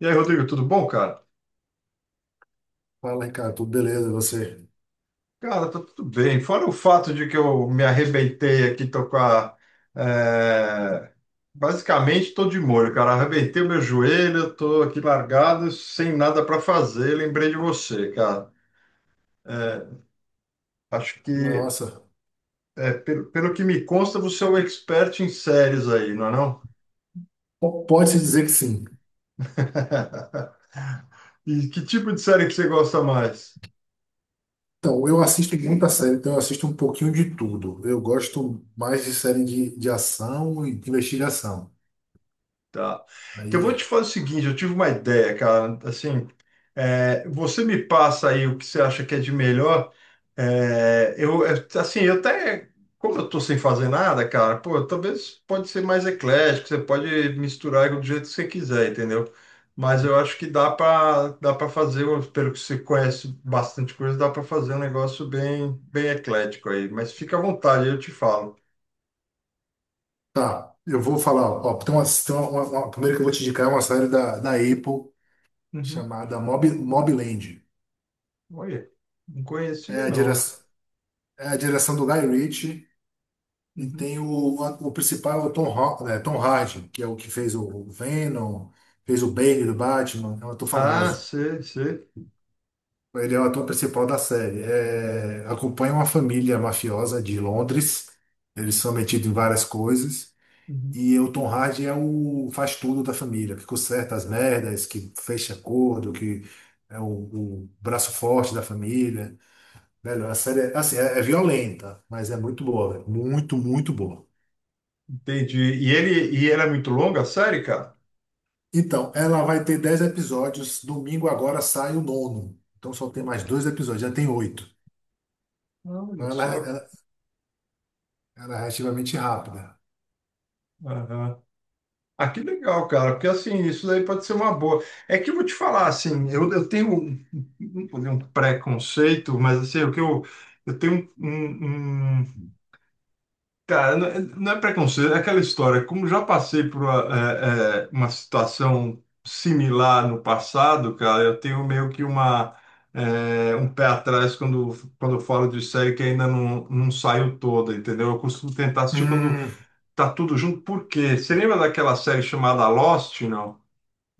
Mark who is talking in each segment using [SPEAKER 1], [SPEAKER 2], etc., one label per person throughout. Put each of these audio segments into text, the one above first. [SPEAKER 1] E aí, Rodrigo, tudo bom, cara?
[SPEAKER 2] Fala, Ricardo, tudo beleza, e você?
[SPEAKER 1] Cara, tá tudo bem. Fora o fato de que eu me arrebentei aqui. Tô com a. é, Basicamente, tô de molho, cara. Arrebentei o meu joelho, tô aqui largado, sem nada para fazer. Lembrei de você, cara. É, acho que,
[SPEAKER 2] Nossa,
[SPEAKER 1] pelo que me consta, você é um expert em séries aí, não é não?
[SPEAKER 2] pode-se dizer que sim.
[SPEAKER 1] E que tipo de série que você gosta mais?
[SPEAKER 2] Então, eu assisto muita série, então eu assisto um pouquinho de tudo. Eu gosto mais de série de ação e de investigação.
[SPEAKER 1] Tá. Então, eu vou
[SPEAKER 2] Aí,
[SPEAKER 1] te fazer o seguinte, eu tive uma ideia, cara, assim, você me passa aí o que você acha que é de melhor, assim, como eu tô sem fazer nada, cara, pô, talvez pode ser mais eclético, você pode misturar do jeito que você quiser, entendeu? Mas eu acho que dá para fazer, pelo que você conhece bastante coisa, dá para fazer um negócio bem, bem eclético aí, mas fica à vontade, eu te falo.
[SPEAKER 2] tá, eu vou falar, ó, tem uma primeiro que eu vou te indicar é uma série da Apple
[SPEAKER 1] Uhum.
[SPEAKER 2] chamada Mobland.
[SPEAKER 1] Olha, não
[SPEAKER 2] É
[SPEAKER 1] conhecia
[SPEAKER 2] a, dire,
[SPEAKER 1] não isso.
[SPEAKER 2] É a direção do Guy Ritchie e
[SPEAKER 1] Uhum.
[SPEAKER 2] tem o principal, é o Tom Hardy, que é o que fez o Venom, fez o Bane do Batman, é um ator
[SPEAKER 1] Ah,
[SPEAKER 2] famoso.
[SPEAKER 1] sei, sei.
[SPEAKER 2] Ele é o ator principal da série. É, acompanha uma família mafiosa de Londres. Eles são metidos em várias coisas.
[SPEAKER 1] Uhum.
[SPEAKER 2] E o Tom Hardy é o faz tudo da família, que conserta as merdas, que fecha acordo, que é o braço forte da família. Velho, a série é, assim, é violenta, mas é muito boa, velho. Muito, muito boa.
[SPEAKER 1] Entendi. E ela é muito longa, a série, cara?
[SPEAKER 2] Então, ela vai ter 10 episódios. Domingo agora sai o nono. Então só tem mais dois episódios, já tem oito.
[SPEAKER 1] Olha
[SPEAKER 2] Então ela,
[SPEAKER 1] só,
[SPEAKER 2] é,
[SPEAKER 1] cara.
[SPEAKER 2] ela, ela é relativamente rápida.
[SPEAKER 1] Aham. Ah, que legal, cara, porque assim, isso daí pode ser uma boa. É que eu vou te falar, assim, eu tenho um, um preconceito, mas assim, o que eu tenho um, um- um Cara, não é preconceito, é aquela história. Como já passei por uma situação similar no passado, cara, eu tenho meio que um pé atrás quando eu falo de série que ainda não saiu toda, entendeu? Eu costumo tentar assistir quando
[SPEAKER 2] Hum,
[SPEAKER 1] tá tudo junto, por quê? Você lembra daquela série chamada Lost, não?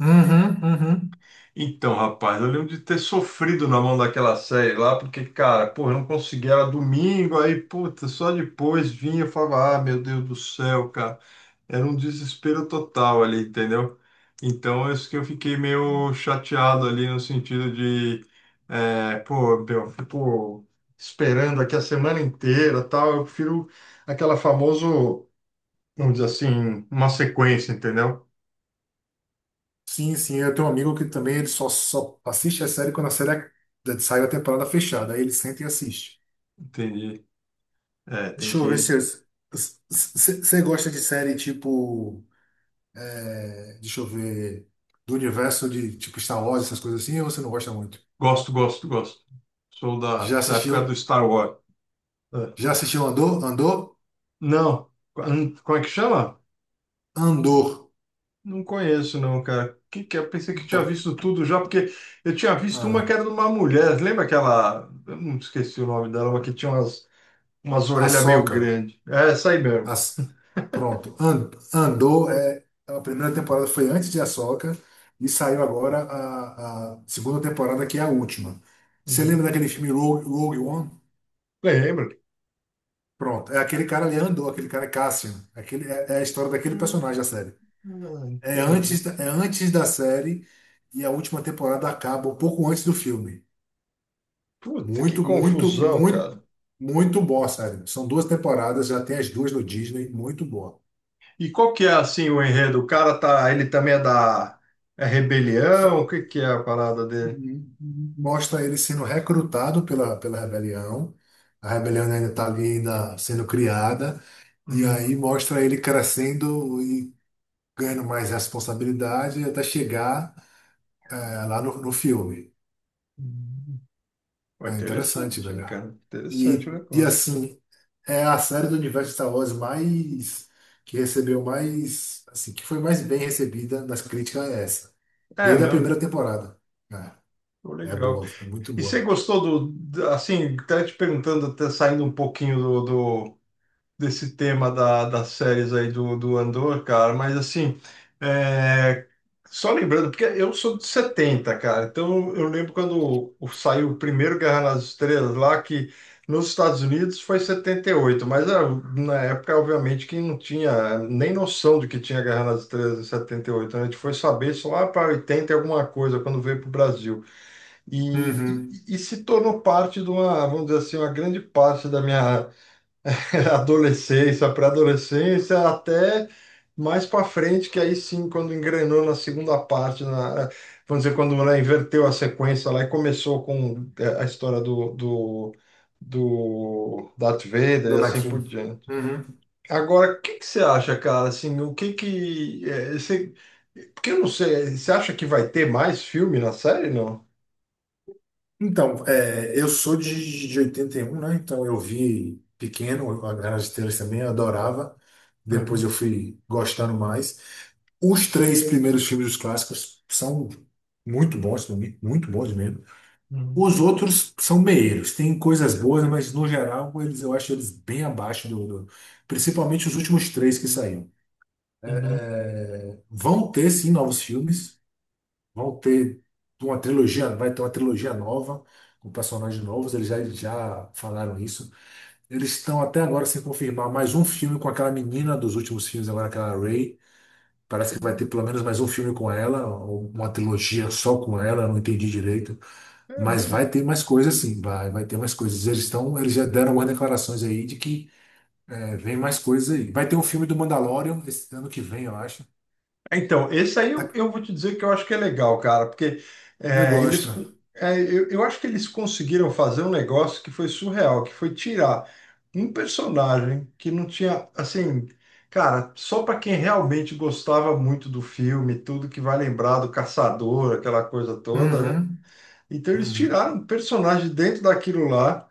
[SPEAKER 2] uhum, uhum.
[SPEAKER 1] Então, rapaz, eu lembro de ter sofrido na mão daquela série lá, porque, cara, pô, eu não conseguia, era domingo, aí, puta, só depois vinha e falava, ah, meu Deus do céu, cara. Era um desespero total ali, entendeu? Então, é isso que eu fiquei meio chateado ali, no sentido de, pô, meu, pô, esperando aqui a semana inteira, tal, eu prefiro aquela famoso, vamos dizer assim, uma sequência, entendeu?
[SPEAKER 2] Sim, sim, eu tenho um amigo que também ele só assiste a série quando a série saiu a temporada fechada. Aí ele senta e assiste.
[SPEAKER 1] Entendi. É, tem
[SPEAKER 2] Deixa eu ver
[SPEAKER 1] que
[SPEAKER 2] se você gosta de série tipo. Deixa eu ver. Do universo de tipo Star Wars, essas coisas assim, ou você não gosta muito?
[SPEAKER 1] Gosto, gosto, gosto. Sou
[SPEAKER 2] Já
[SPEAKER 1] da época do
[SPEAKER 2] assistiu?
[SPEAKER 1] Star Wars. É.
[SPEAKER 2] Já assistiu Andor? Andor?
[SPEAKER 1] Não, como é que chama?
[SPEAKER 2] Andor.
[SPEAKER 1] Não conheço, não, cara. Que é? Eu pensei que tinha
[SPEAKER 2] Então,
[SPEAKER 1] visto tudo já, porque eu tinha visto uma que
[SPEAKER 2] a
[SPEAKER 1] era de uma mulher. Lembra aquela. Eu não esqueci o nome dela, mas que tinha umas orelhas meio
[SPEAKER 2] Ahsoka.
[SPEAKER 1] grandes. É essa aí mesmo.
[SPEAKER 2] As, Pronto. Andor é. A primeira temporada foi antes de Ahsoka e saiu agora a segunda temporada, que é a última. Você
[SPEAKER 1] Uhum.
[SPEAKER 2] lembra daquele filme Rogue One?
[SPEAKER 1] Lembra?
[SPEAKER 2] Pronto. É aquele cara ali, Andor, aquele cara é Cassian. Aquele, é a história daquele
[SPEAKER 1] Ah,
[SPEAKER 2] personagem da série.
[SPEAKER 1] ah, entendi.
[SPEAKER 2] É antes da série e a última temporada acaba um pouco antes do filme.
[SPEAKER 1] Puta, que
[SPEAKER 2] Muito, muito,
[SPEAKER 1] confusão,
[SPEAKER 2] muito,
[SPEAKER 1] cara.
[SPEAKER 2] muito boa, sério. São duas temporadas, já tem as duas no Disney, muito boa.
[SPEAKER 1] E qual que é assim o enredo? Ele também é da rebelião? O
[SPEAKER 2] Fe-
[SPEAKER 1] que que é a parada dele?
[SPEAKER 2] Mostra ele sendo recrutado pela rebelião. A rebelião ainda está ali ainda sendo criada. E
[SPEAKER 1] Uhum.
[SPEAKER 2] aí mostra ele crescendo e ganhando mais responsabilidade até chegar lá no filme.
[SPEAKER 1] Hum. Pô,
[SPEAKER 2] É interessante,
[SPEAKER 1] interessante, hein,
[SPEAKER 2] velho.
[SPEAKER 1] cara? Interessante o
[SPEAKER 2] E
[SPEAKER 1] negócio.
[SPEAKER 2] assim, é a série do universo Star Wars mais que recebeu mais, assim, que foi mais bem recebida nas críticas é essa.
[SPEAKER 1] É
[SPEAKER 2] Desde a
[SPEAKER 1] mesmo,
[SPEAKER 2] primeira temporada.
[SPEAKER 1] pô,
[SPEAKER 2] É, é
[SPEAKER 1] legal.
[SPEAKER 2] boa, é muito
[SPEAKER 1] E você
[SPEAKER 2] boa.
[SPEAKER 1] gostou assim, até te perguntando, até saindo um pouquinho do, desse tema das séries aí do Andor, cara, mas assim, é, só lembrando, porque eu sou de 70 cara, então eu lembro quando saiu o primeiro Guerra nas Estrelas lá, que nos Estados Unidos foi 78 mas na época, obviamente, que não tinha nem noção de que tinha Guerra nas Estrelas em 78, né? A gente foi saber só lá para 80 e alguma coisa, quando veio para o Brasil, e,
[SPEAKER 2] Uhum.
[SPEAKER 1] e se tornou parte de uma, vamos dizer assim, uma grande parte da minha adolescência, pré-adolescência, até mais para frente, que aí sim, quando engrenou na segunda parte, vamos dizer, quando ela inverteu a sequência lá e começou com a história do Darth Vader e
[SPEAKER 2] Dona
[SPEAKER 1] assim
[SPEAKER 2] Kim.
[SPEAKER 1] por diante.
[SPEAKER 2] Uhum.
[SPEAKER 1] Agora, o que que você acha, cara? Assim, o que que... é, você, porque eu não sei, você acha que vai ter mais filme na série, não?
[SPEAKER 2] Então, é, eu sou de oitenta e um, né? Então eu vi pequeno, a Guerra nas Estrelas também, eu adorava. Depois
[SPEAKER 1] Aham,
[SPEAKER 2] eu fui gostando mais. Os três primeiros filmes dos clássicos são muito bons, muito bons mesmo.
[SPEAKER 1] uhum,
[SPEAKER 2] Os outros são meios, tem coisas boas, mas no geral eles, eu acho eles bem abaixo do principalmente os últimos três que saíram.
[SPEAKER 1] uhum.
[SPEAKER 2] Vão ter sim novos filmes, vão ter uma trilogia, vai ter uma trilogia nova com personagens novos, já falaram isso. Eles estão até agora sem confirmar mais um filme com aquela menina dos últimos filmes, agora aquela Ray. Parece que vai ter pelo menos mais um filme com ela, ou uma trilogia só com ela, eu não entendi direito.
[SPEAKER 1] É
[SPEAKER 2] Mas
[SPEAKER 1] mesmo?
[SPEAKER 2] vai ter mais coisas sim, vai ter mais coisas. Eles já deram algumas declarações aí de que é, vem mais coisas aí. Vai ter um filme do Mandalorian esse ano que vem, eu acho.
[SPEAKER 1] Então, esse aí eu,
[SPEAKER 2] Tá.
[SPEAKER 1] eu vou te dizer que eu acho que é legal, cara, porque
[SPEAKER 2] Eu gosto.
[SPEAKER 1] eu acho que eles conseguiram fazer um negócio que foi surreal, que foi tirar um personagem que não tinha, assim, cara, só para quem realmente gostava muito do filme, tudo que vai lembrar do caçador, aquela coisa toda, né?
[SPEAKER 2] Uhum,
[SPEAKER 1] Então eles
[SPEAKER 2] uhum.
[SPEAKER 1] tiraram um personagem dentro daquilo lá.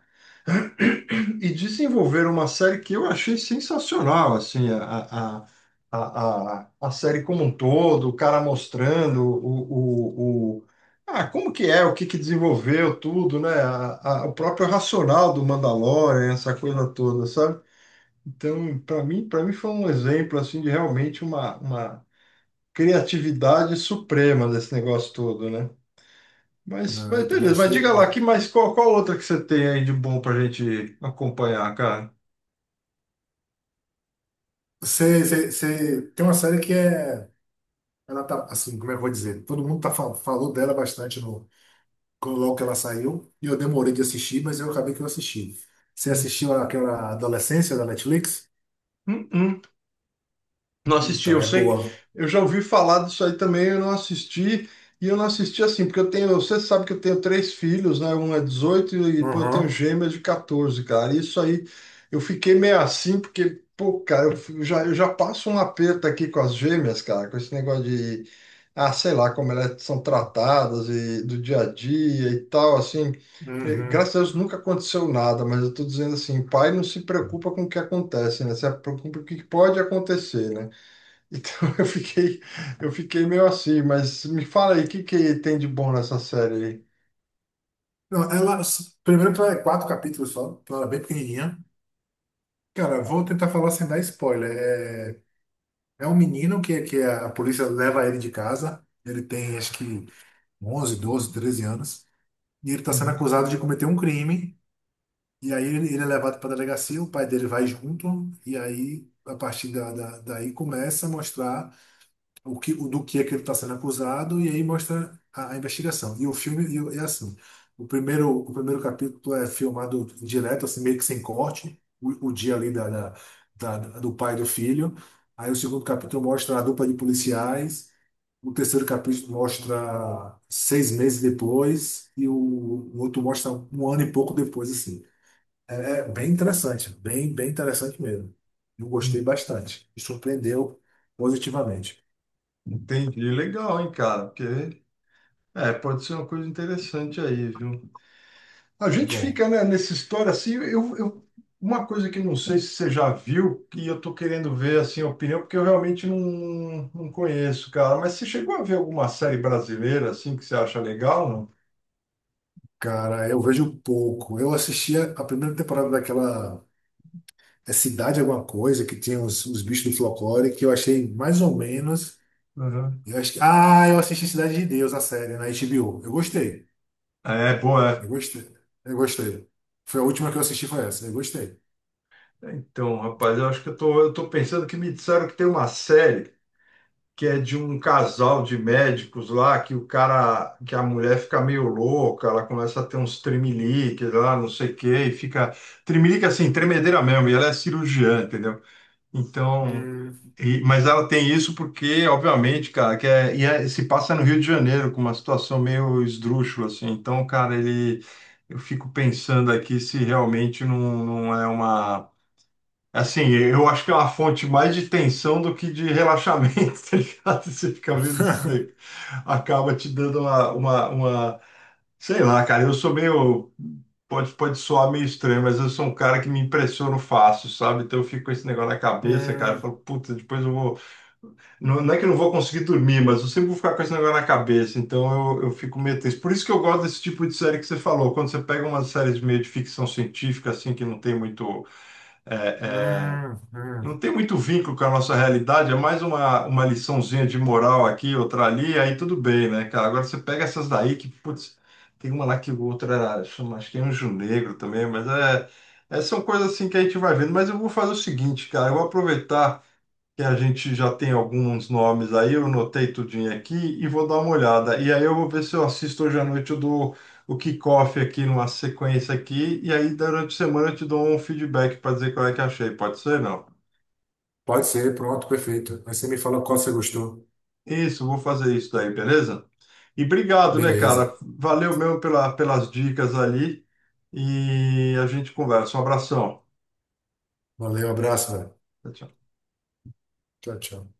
[SPEAKER 1] E desenvolveram uma série que eu achei sensacional, assim, a série como um todo, o cara mostrando ah, o que que desenvolveu tudo, né? O próprio racional do Mandalorian, essa coisa toda, sabe? Então, para mim foi um exemplo, assim, de realmente uma criatividade suprema desse negócio todo, né? Mas,
[SPEAKER 2] Não,
[SPEAKER 1] mas
[SPEAKER 2] eu também
[SPEAKER 1] beleza, mas diga
[SPEAKER 2] achei.
[SPEAKER 1] lá, que mais, qual outra que você tem aí de bom pra gente acompanhar, cara?
[SPEAKER 2] Você tem uma série que é. Ela tá, assim, como é que eu vou dizer? Todo mundo tá, falou dela bastante no, quando logo que ela saiu. E eu demorei de assistir, mas eu acabei que eu assisti. Você
[SPEAKER 1] Hum.
[SPEAKER 2] assistiu aquela Adolescência da Netflix?
[SPEAKER 1] Uhum. Não assisti,
[SPEAKER 2] Então,
[SPEAKER 1] eu
[SPEAKER 2] é
[SPEAKER 1] sei,
[SPEAKER 2] boa.
[SPEAKER 1] eu já ouvi falar disso aí também, eu não assisti, e eu não assisti assim, porque eu tenho, você sabe que eu tenho três filhos, né? Um é 18 e depois eu tenho
[SPEAKER 2] Uhum.
[SPEAKER 1] gêmeas de 14, cara. Isso aí, eu fiquei meio assim, porque, pô, cara, eu já passo um aperto aqui com as gêmeas, cara, com esse negócio de, sei lá, como elas são tratadas e do dia a dia e tal, assim.
[SPEAKER 2] Uhum.
[SPEAKER 1] Graças a Deus nunca aconteceu nada, mas eu tô dizendo assim, pai não se preocupa com o que acontece, né? Se preocupa com o que pode acontecer, né? Então eu fiquei, eu fiquei meio assim, mas me fala aí, o que que tem de bom nessa série aí?
[SPEAKER 2] Não, ela. Primeiro que ela é quatro capítulos só, então ela é bem pequenininha. Cara, vou tentar falar sem dar spoiler. É, é um menino que a polícia leva ele de casa. Ele tem acho que 11, 12, 13 anos. E ele está sendo
[SPEAKER 1] Uhum.
[SPEAKER 2] acusado de cometer um crime. E aí ele é levado para a delegacia, o pai dele vai junto. E aí, a partir daí, começa a mostrar. O o do que é que ele está sendo acusado, e aí mostra a investigação. E o filme e o- É assim: o primeiro capítulo é filmado direto, assim, meio que sem corte, o dia ali do pai e do filho. Aí o segundo capítulo mostra a dupla de policiais. O terceiro capítulo mostra seis meses depois e o outro mostra um ano e pouco depois, assim. É, é bem interessante, bem, bem interessante mesmo. Eu gostei bastante. Me surpreendeu positivamente.
[SPEAKER 1] Entendi, legal, hein, cara? Porque pode ser uma coisa interessante aí, viu? A gente
[SPEAKER 2] Bom.
[SPEAKER 1] fica, né, nessa história assim, uma coisa que não sei se você já viu, que eu tô querendo ver assim a opinião, porque eu realmente não conheço, cara. Mas você chegou a ver alguma série brasileira assim que você acha legal,
[SPEAKER 2] Cara, eu vejo pouco. Eu assistia a primeira temporada daquela Cidade Alguma Coisa, que tinha os bichos do folclore, que eu achei mais ou menos.
[SPEAKER 1] não? Uhum.
[SPEAKER 2] Ah, eu assisti Cidade de Deus, a série, na HBO. Eu gostei.
[SPEAKER 1] É,
[SPEAKER 2] Eu
[SPEAKER 1] boa.
[SPEAKER 2] gostei. Eu gostei. Foi a última que eu assisti, foi essa. Eu gostei.
[SPEAKER 1] É. Então, rapaz, eu acho que eu tô, pensando que me disseram que tem uma série, que é de um casal de médicos lá, que a mulher fica meio louca, ela começa a ter uns tremelique lá, não sei o quê, e fica tremelique assim, tremedeira mesmo, e ela é cirurgiã, entendeu? Então,
[SPEAKER 2] Hum.
[SPEAKER 1] mas ela tem isso porque, obviamente, cara, que é, e é- se passa no Rio de Janeiro com uma situação meio esdrúxula assim. Então, cara, ele eu fico pensando aqui se realmente não é uma. Assim, eu acho que é uma fonte mais de tensão do que de relaxamento, tá ligado? Você fica vendo isso daí, acaba te dando sei lá, cara, Pode soar meio estranho, mas eu sou um cara que me impressiono fácil, sabe? Então eu fico com esse negócio na cabeça, cara, eu
[SPEAKER 2] Hum,
[SPEAKER 1] falo, puta, depois eu vou. Não, não é que eu não vou conseguir dormir, mas eu sempre vou ficar com esse negócio na cabeça, então eu fico meio tenso. Por isso que eu gosto desse tipo de série que você falou, quando você pega umas séries meio de ficção científica, assim, que é,
[SPEAKER 2] hum.
[SPEAKER 1] não tem muito vínculo com a nossa realidade, é mais uma, liçãozinha de moral aqui, outra ali, aí tudo bem, né, cara? Agora você pega essas daí que, putz, tem uma lá que chama, acho que é Anjo Negro também, mas são coisas assim que a gente vai vendo. Mas eu vou fazer o seguinte, cara, eu vou aproveitar que a gente já tem alguns nomes aí, eu anotei tudinho aqui e vou dar uma olhada. E aí eu vou ver se eu assisto hoje à noite, eu dou o kickoff aqui numa sequência aqui, e aí durante a semana eu te dou um feedback para dizer qual é que achei, pode ser, não?
[SPEAKER 2] Pode ser, pronto, perfeito. Aí você me fala qual você gostou.
[SPEAKER 1] Isso, vou fazer isso daí, beleza? E obrigado, né, cara?
[SPEAKER 2] Beleza.
[SPEAKER 1] Valeu mesmo pelas dicas ali. E a gente conversa. Um abração.
[SPEAKER 2] Valeu, abraço, velho.
[SPEAKER 1] Tchau, tchau.
[SPEAKER 2] Tchau, tchau.